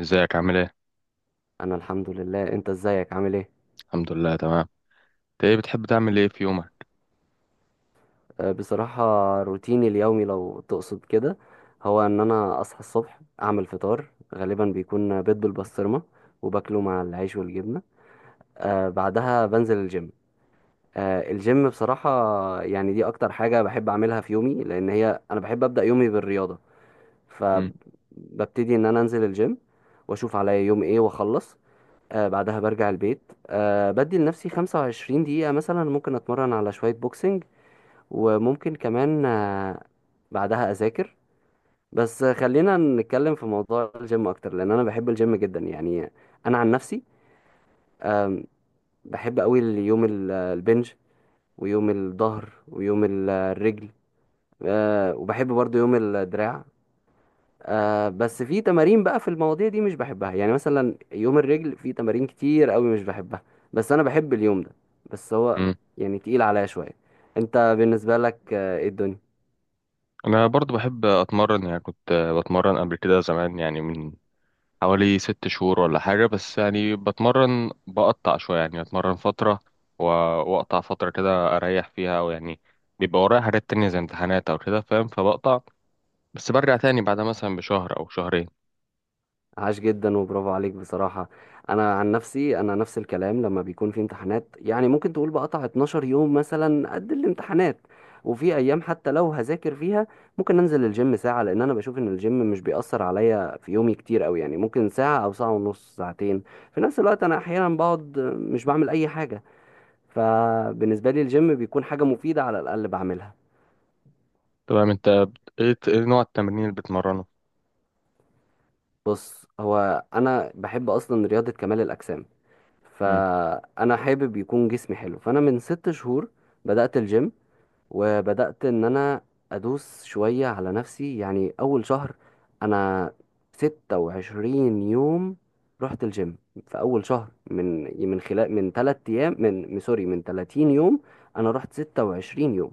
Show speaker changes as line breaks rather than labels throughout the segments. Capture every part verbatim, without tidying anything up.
ازيك عامل ايه؟
انا الحمد لله. انت ازيك، عامل ايه؟
الحمد لله، تمام. انت ايه بتحب تعمل ايه في يومك؟
أه، بصراحة روتيني اليومي لو تقصد كده، هو ان انا اصحى الصبح، اعمل فطار غالبا بيكون بيض بالبسطرمة، وباكله مع العيش والجبنة. أه بعدها بنزل الجيم. أه الجيم بصراحة، يعني دي اكتر حاجة بحب اعملها في يومي، لان هي انا بحب ابدأ يومي بالرياضة.
مم.
فببتدي ان انا انزل الجيم واشوف عليا يوم ايه واخلص. أه بعدها برجع البيت. أه بدي لنفسي خمسة وعشرين دقيقة مثلا، ممكن أتمرن على شوية بوكسنج، وممكن كمان آه، بعدها اذاكر. بس خلينا نتكلم في موضوع الجيم اكتر، لان انا بحب الجيم جدا يعني. انا عن نفسي، آم، بحب قوي يوم ال- آه، البنج، ويوم الظهر، ويوم ال- آه، الرجل، آه، وبحب برضو يوم الدراع. آه، بس في تمارين بقى في المواضيع دي مش بحبها، يعني مثلا يوم الرجل في تمارين كتير قوي مش بحبها، بس انا بحب اليوم ده، بس هو
مم.
يعني تقيل عليا شوية. انت بالنسبة لك آه، ايه الدنيا؟
انا برضو بحب اتمرن، يعني كنت آه، بتمرن قبل كده زمان، يعني من حوالي ست شهور ولا حاجة. بس يعني بتمرن بقطع شوية، يعني اتمرن فترة و- واقطع فترة كده اريح فيها، او يعني بيبقى ورايا حاجات تانية زي امتحانات او كده، فاهم، فبقطع. بس برجع تاني بعدها مثلا بشهر او شهرين.
عاش جدا وبرافو عليك بصراحة. أنا عن نفسي أنا نفس الكلام، لما بيكون في امتحانات يعني ممكن تقول بقطع اتناشر يوم مثلا قد الامتحانات. وفي أيام حتى لو هذاكر فيها، ممكن أنزل الجيم ساعة، لأن أنا بشوف إن الجيم مش بيأثر عليا في يومي كتير أوي، يعني ممكن ساعة أو ساعة ونص ساعتين. في نفس الوقت أنا أحيانا بقعد مش بعمل أي حاجة، فبالنسبة لي الجيم بيكون حاجة مفيدة على الأقل بعملها.
تمام. انت بت- ايه ايه نوع التمرين اللي بتمرنه؟
بص هو أنا بحب أصلا رياضة كمال الأجسام،
مم.
فانا حابب يكون جسمي حلو، فانا من ست شهور بدأت الجيم. وبدأت ان انا ادوس شوية على نفسي، يعني اول شهر انا ستة وعشرين يوم رحت الجيم. في اول شهر، من من خلال، من تلات ايام من من- سوري من تلاتين يوم انا رحت ستة وعشرين يوم.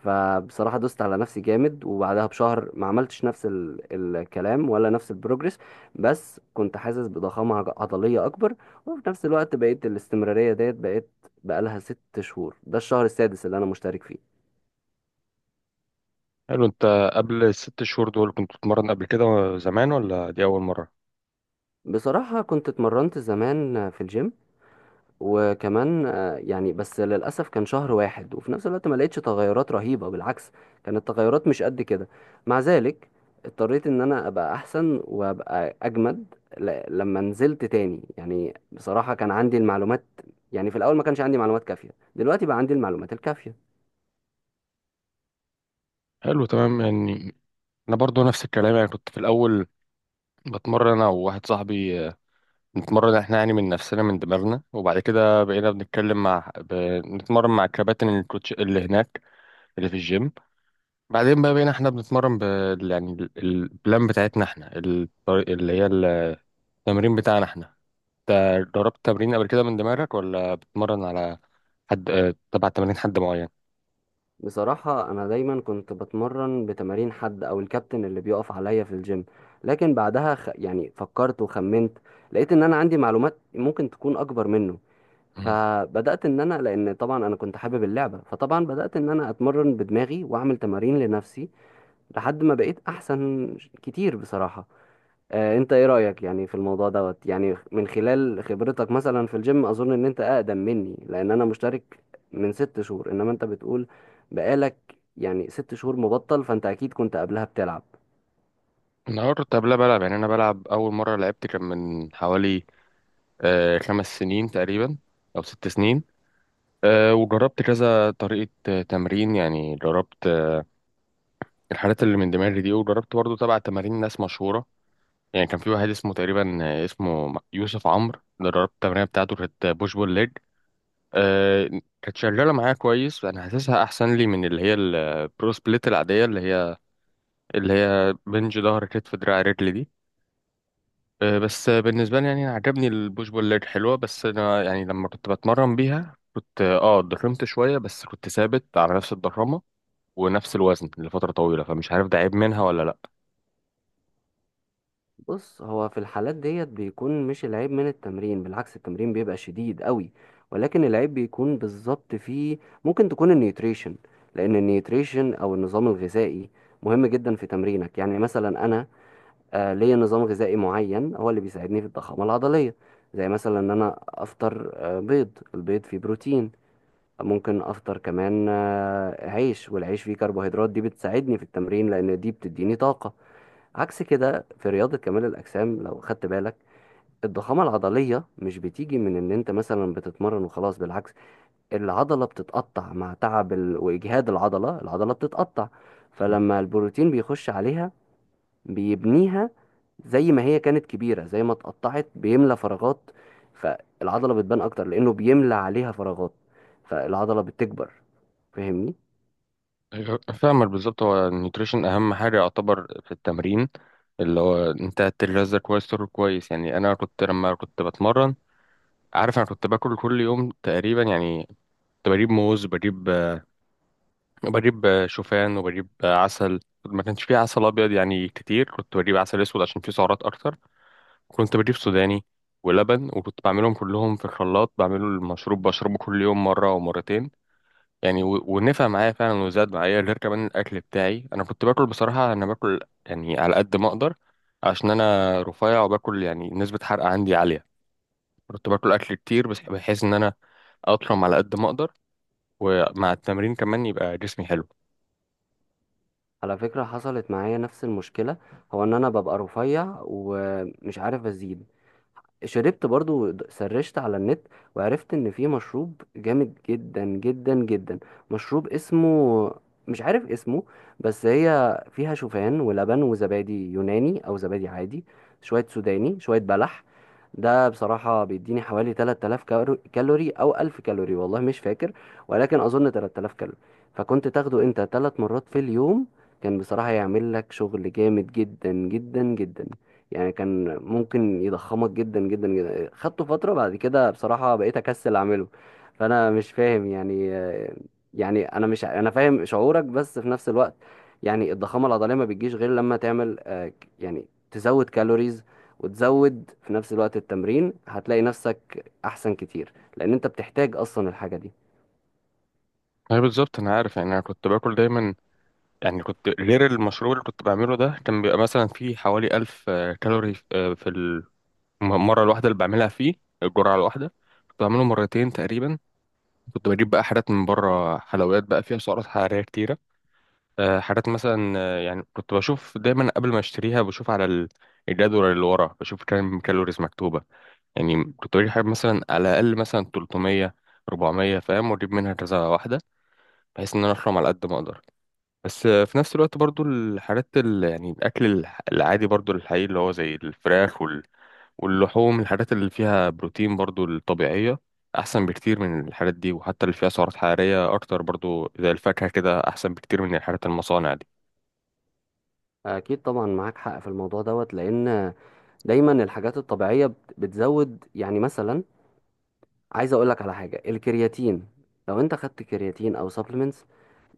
فبصراحة دوست على نفسي جامد، وبعدها بشهر ما عملتش نفس ال... الكلام، ولا نفس البروجرس. بس كنت حاسس بضخامة عض- عضلية أكبر، وفي نفس الوقت بقيت الاستمرارية ديت، بقيت بقالها ست شهور، ده الشهر السادس اللي أنا مشترك فيه.
حلو. انت قبل الست شهور دول كنت بتتمرن قبل كده زمان، ولا دي اول مرة؟
بصراحة كنت اتمرنت زمان في الجيم، وكمان آه، يعني بس للأسف كان شهر واحد، وفي نفس الوقت ما لقيتش تغيرات رهيبة، بالعكس كانت التغيرات مش قد كده. مع ذلك اضطريت ان انا ابقى احسن وابقى اجمد ل- لما نزلت تاني، يعني بصراحة كان عندي المعلومات، يعني في الاول ما كانش عندي معلومات كافية، دلوقتي بقى عندي المعلومات الكافية.
حلو، تمام. يعني انا برضو نفس الكلام، يعني كنت في الاول بتمرن انا وواحد صاحبي، آه، نتمرن احنا يعني من نفسنا، من دماغنا. وبعد كده بقينا بنتكلم مع ب... نتمرن مع الكباتن، الكوتش اللي هناك، اللي في الجيم. بعدين بقى بقينا احنا بنتمرن ب... يعني ال- البلان بتاعتنا احنا، الطريق اللي هي التمرين بتاعنا احنا. انت جربت تمرين قبل كده من دماغك، ولا بتتمرن على حد، آه، تبع تمارين حد معين؟
بصراحة انا دايما كنت بتمرن بتمارين حد او الكابتن اللي بيقف عليا في الجيم، لكن بعدها خ... يعني فكرت وخمنت، لقيت ان انا عندي معلومات ممكن تكون اكبر منه.
مم.
فبدات ان انا، لان طبعا انا كنت حابب اللعبه، فطبعا بدات ان انا اتمرن بدماغي واعمل تمارين لنفسي لحد ما بقيت احسن كتير بصراحه. آه انت ايه رايك يعني في الموضوع دوت، يعني من خلال خبرتك مثلا في الجيم. اظن ان انت اقدم مني، لان انا مشترك من ست شهور، انما انت بتقول بقالك يعني ست شهور مبطل، فانت اكيد كنت قبلها بتلعب.
انا كنت قبلها بلعب. يعني انا بلعب، اول مره لعبت كان من حوالي آه، خمس سنين تقريبا، أو ست سنين. آه، وجربت كذا طريقة آه، تمرين. يعني جربت آه، الحاجات اللي من دماغي دي، وجربت برضو تبع تمارين ناس مشهورة. يعني كان في واحد اسمه تقريبا، آه، اسمه يوسف عمرو، ده جربت التمرين بتاعته، كانت بوش بول ليج. آه، كانت شغالة معايا كويس. أنا حاسسها أحسن لي من اللي هي البرو سبليت العادية، اللي هي اللي هي بنج، ظهر، كتف، دراع، رجل دي. آه، بس بالنسبة لي، يعني أنا عجبني البوش بول ليج، حلوة. بس أنا يعني لما كنت بتمرن بيها، كنت اه آه، اتضخمت شوية، بس كنت ثابت على نفس الضخامة ونفس الوزن لفترة طويلة، فمش عارف ده عيب منها ولا لأ.
بص هو في الحالات ديت بيكون مش العيب من التمرين، بالعكس التمرين بيبقى شديد قوي. ولكن العيب بيكون بالظبط في، ممكن تكون النيوتريشن، لان النيوتريشن او النظام الغذائي مهم جدا في تمرينك. يعني مثلا انا آه، ليا نظام غذائي معين هو اللي بيساعدني في الضخامة العضلية. زي مثلا ان انا افطر آه، بيض، البيض فيه بروتين. ممكن افطر كمان آه، عيش، والعيش فيه كربوهيدرات، دي بتساعدني في التمرين لان دي بتديني طاقة. عكس كده في رياضة كمال الأجسام، لو خدت بالك الضخامة العضلية مش بتيجي من إن أنت مثلا بتتمرن وخلاص، بالعكس العضلة بتتقطع مع تعب ال- وإجهاد العضلة العضلة بتتقطع. فلما البروتين بيخش عليها بيبنيها، زي ما هي كانت كبيرة، زي ما اتقطعت بيملى فراغات، فالعضلة بتبان أكتر لأنه بيملى عليها فراغات، فالعضلة بتكبر. فاهمني؟
أيوة، فاهمك بالظبط. هو النيوتريشن أهم حاجة يعتبر في التمرين، اللي هو أنت تغذى كويس، تاكل كويس. يعني أنا كنت لما كنت بتمرن، عارف، أنا كنت باكل كل يوم تقريبا. يعني كنت بجيب موز، بجيب بجيب آه، شوفان، وبجيب آه، عسل. ما كانش فيه عسل ابيض يعني كتير، كنت بجيب عسل اسود عشان فيه سعرات اكتر. كنت بجيب سوداني ولبن، وكنت بعملهم كلهم في الخلاط، بعمله المشروب، بشربه كل يوم مره ومرتين. يعني و- ونفع معايا فعلا، وزاد معايا. غير كمان الاكل بتاعي، انا كنت باكل بصراحه. انا باكل يعني على قد ما اقدر، عشان انا رفيع وباكل، يعني نسبه حرق عندي عاليه. كنت باكل اكل كتير، بس بحيث ان انا اطرم على قد ما اقدر، ومع التمرين كمان يبقى جسمي حلو.
على فكرة حصلت معايا نفس المشكلة، هو إن أنا ببقى رفيع ومش عارف أزيد. شربت برضو، سرشت على النت وعرفت ان في مشروب جامد جدا جدا جدا. مشروب اسمه، مش عارف اسمه، بس هي فيها شوفان ولبن وزبادي يوناني او زبادي عادي، شوية سوداني، شوية بلح. ده بصراحة بيديني حوالي تلات الاف كالو- كالوري او الف كالوري، والله مش فاكر، ولكن اظن تلات الاف كالوري. فكنت تاخده انت ثلاث مرات في اليوم، كان بصراحة يعمل لك شغل جامد جدا جدا جدا. يعني كان ممكن يضخمك جدا جدا جدا. خدته فترة، بعد كده بصراحة بقيت أكسل أعمله. فأنا مش فاهم يعني، يعني أنا مش، أنا فاهم شعورك، بس في نفس الوقت يعني الضخامة العضلية ما بتجيش غير لما تعمل آه، ك- يعني تزود كالوريز، وتزود في نفس الوقت التمرين، هتلاقي نفسك أحسن كتير لأن أنت بتحتاج أصلا الحاجة دي.
اي، بالظبط. انا عارف، يعني انا كنت باكل دايما. يعني كنت غير المشروب اللي كنت بعمله ده، كان بيبقى مثلا فيه حوالي ألف كالوري، آه، في الم- المره الواحده اللي بعملها فيه، الجرعه الواحده. كنت بعمله مرتين تقريبا. كنت بجيب بقى حاجات من بره، حلويات بقى فيها سعرات حراريه كتيره. آه، حاجات مثلا، آه، يعني كنت بشوف دايما قبل ما اشتريها، بشوف على ال- الجدول اللي ورا، بشوف كام كالوريز مكتوبه. يعني كنت بجيب حاجة مثلا على الأقل مثلا تلتمية، اربعمية، فاهم، وأجيب منها كذا واحدة، بحيث إن أنا أحرم على قد ما أقدر. بس في نفس الوقت برضو الحاجات ال... يعني الأكل الح- العادي، برضو الحقيقي، اللي هو زي الفراخ وال... واللحوم، الحاجات اللي فيها بروتين برضو، الطبيعية، أحسن بكتير من الحاجات دي. وحتى اللي فيها سعرات حرارية أكتر برضو، زي الفاكهة كده، أحسن بكتير من الحاجات المصانع دي.
أكيد طبعا معاك حق في الموضوع دوت، لأن دايما الحاجات الطبيعية بت- بتزود، يعني مثلا عايز اقول لك على حاجه الكرياتين. لو انت خدت كرياتين او سبلمنتس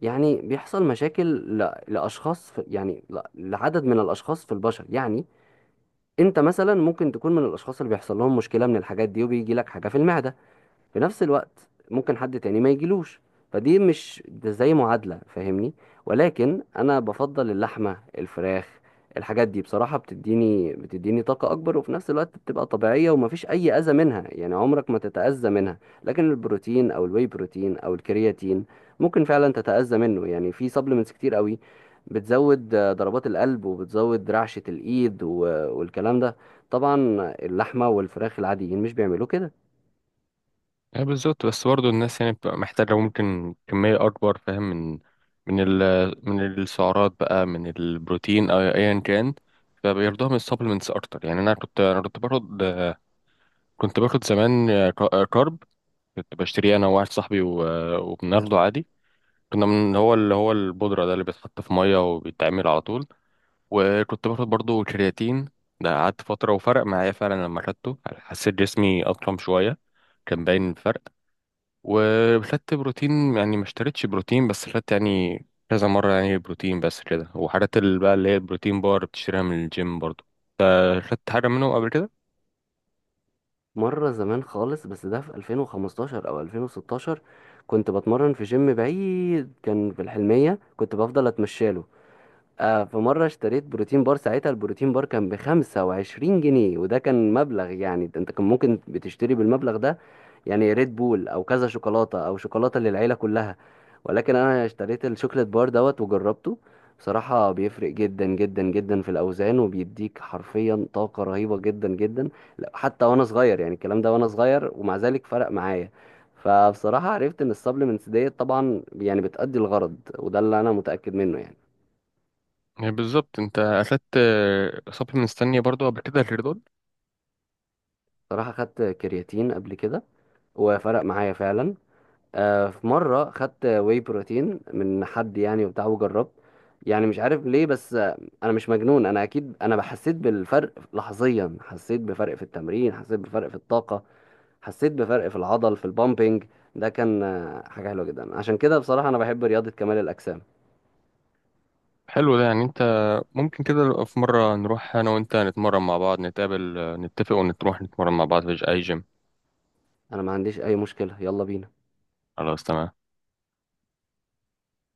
يعني بيحصل مشاكل ل- لاشخاص، في يعني ل- لعدد من الاشخاص في البشر يعني. انت مثلا ممكن تكون من الاشخاص اللي بيحصل لهم مشكله من الحاجات دي، وبيجي لك حاجه في المعده، في نفس الوقت ممكن حد تاني ما يجيلوش. فدي مش ده زي معادلة، فاهمني؟ ولكن انا بفضل اللحمة، الفراخ، الحاجات دي بصراحة بتديني بتديني طاقة أكبر، وفي نفس الوقت بتبقى طبيعية ومفيش أي أذى منها، يعني عمرك ما تتأذى منها. لكن البروتين أو الواي بروتين أو الكرياتين ممكن فعلا تتأذى منه، يعني في سبلمنتس كتير قوي بتزود آه، ضربات القلب، وبتزود رعشة الإيد و- والكلام ده. طبعا اللحمة والفراخ العاديين مش بيعملوا كده.
يعني بالظبط. بس برضو الناس يعني بتبقى محتاجة ممكن كمية أكبر، فاهم، من من ال... من السعرات بقى، من البروتين أو أيا كان، فبياخدوها من السبلمنتس أكتر. يعني أنا كنت أنا كنت باخد، كنت باخد زمان كارب، كنت بشتريه انا وواحد صاحبي، و... وبناخده عادي. كنا من هو اللي هو البودرة ده، اللي بيتحط في مية وبيتعمل على طول. وكنت باخد برضو كرياتين. ده قعدت فترة وفرق معايا فعلا، لما خدته حسيت جسمي أضخم شوية، كان باين الفرق. وخدت بروتين. يعني ما اشتريتش بروتين، بس خدت يعني كذا مرة يعني بروتين بس كده. وحاجات اللي بقى اللي هي البروتين بار، بتشتريها من الجيم برضو. أنت خدت حاجة منهم قبل كده؟
مرة زمان خالص، بس ده في الفين وخمستاشر أو الفين وستاشر، كنت بتمرن في جيم بعيد كان في الحلمية، كنت بفضل أتمشاله. آه في مرة اشتريت بروتين بار، ساعتها البروتين بار كان بخمسة وعشرين جنيه، وده كان مبلغ، يعني ده انت كان ممكن بتشتري بالمبلغ ده يعني ريد بول او كذا شوكولاتة او شوكولاتة للعيلة كلها. ولكن انا اشتريت الشوكليت بار دوت وجربته، بصراحة بيفرق جدا جدا جدا في الأوزان، وبيديك حرفيا طاقة رهيبة جدا جدا. لا، حتى وأنا صغير، يعني الكلام ده وأنا صغير ومع ذلك فرق معايا. فبصراحة عرفت إن السبلمنتس ديت طبعا يعني بتأدي الغرض، وده اللي أنا متأكد منه يعني.
يعني بالظبط، انت اخدت سبلمنتس تانية برضو قبل كده غير دول؟
صراحة خدت كرياتين قبل كده وفرق معايا فعلا. آه، في مرة خدت واي بروتين من حد يعني وبتاع وجربت. يعني مش عارف ليه، بس آه، انا مش مجنون، انا اكيد انا حسيت بالفرق لحظيا، حسيت بفرق في التمرين، حسيت بفرق في الطاقة، حسيت بفرق في العضل في البامبينج. ده كان آه، حاجة حلوة جدا، عشان كده بصراحة انا بحب رياضة كمال الأجسام.
حلو. ده يعني انت، ممكن كده في مرة نروح انا وانت نتمرن مع بعض، نتقابل، آه، نتفق ونروح نتمرن مع بعض في اي جيم.
انا ما عنديش اي مشكلة، يلا بينا.
خلاص، تمام.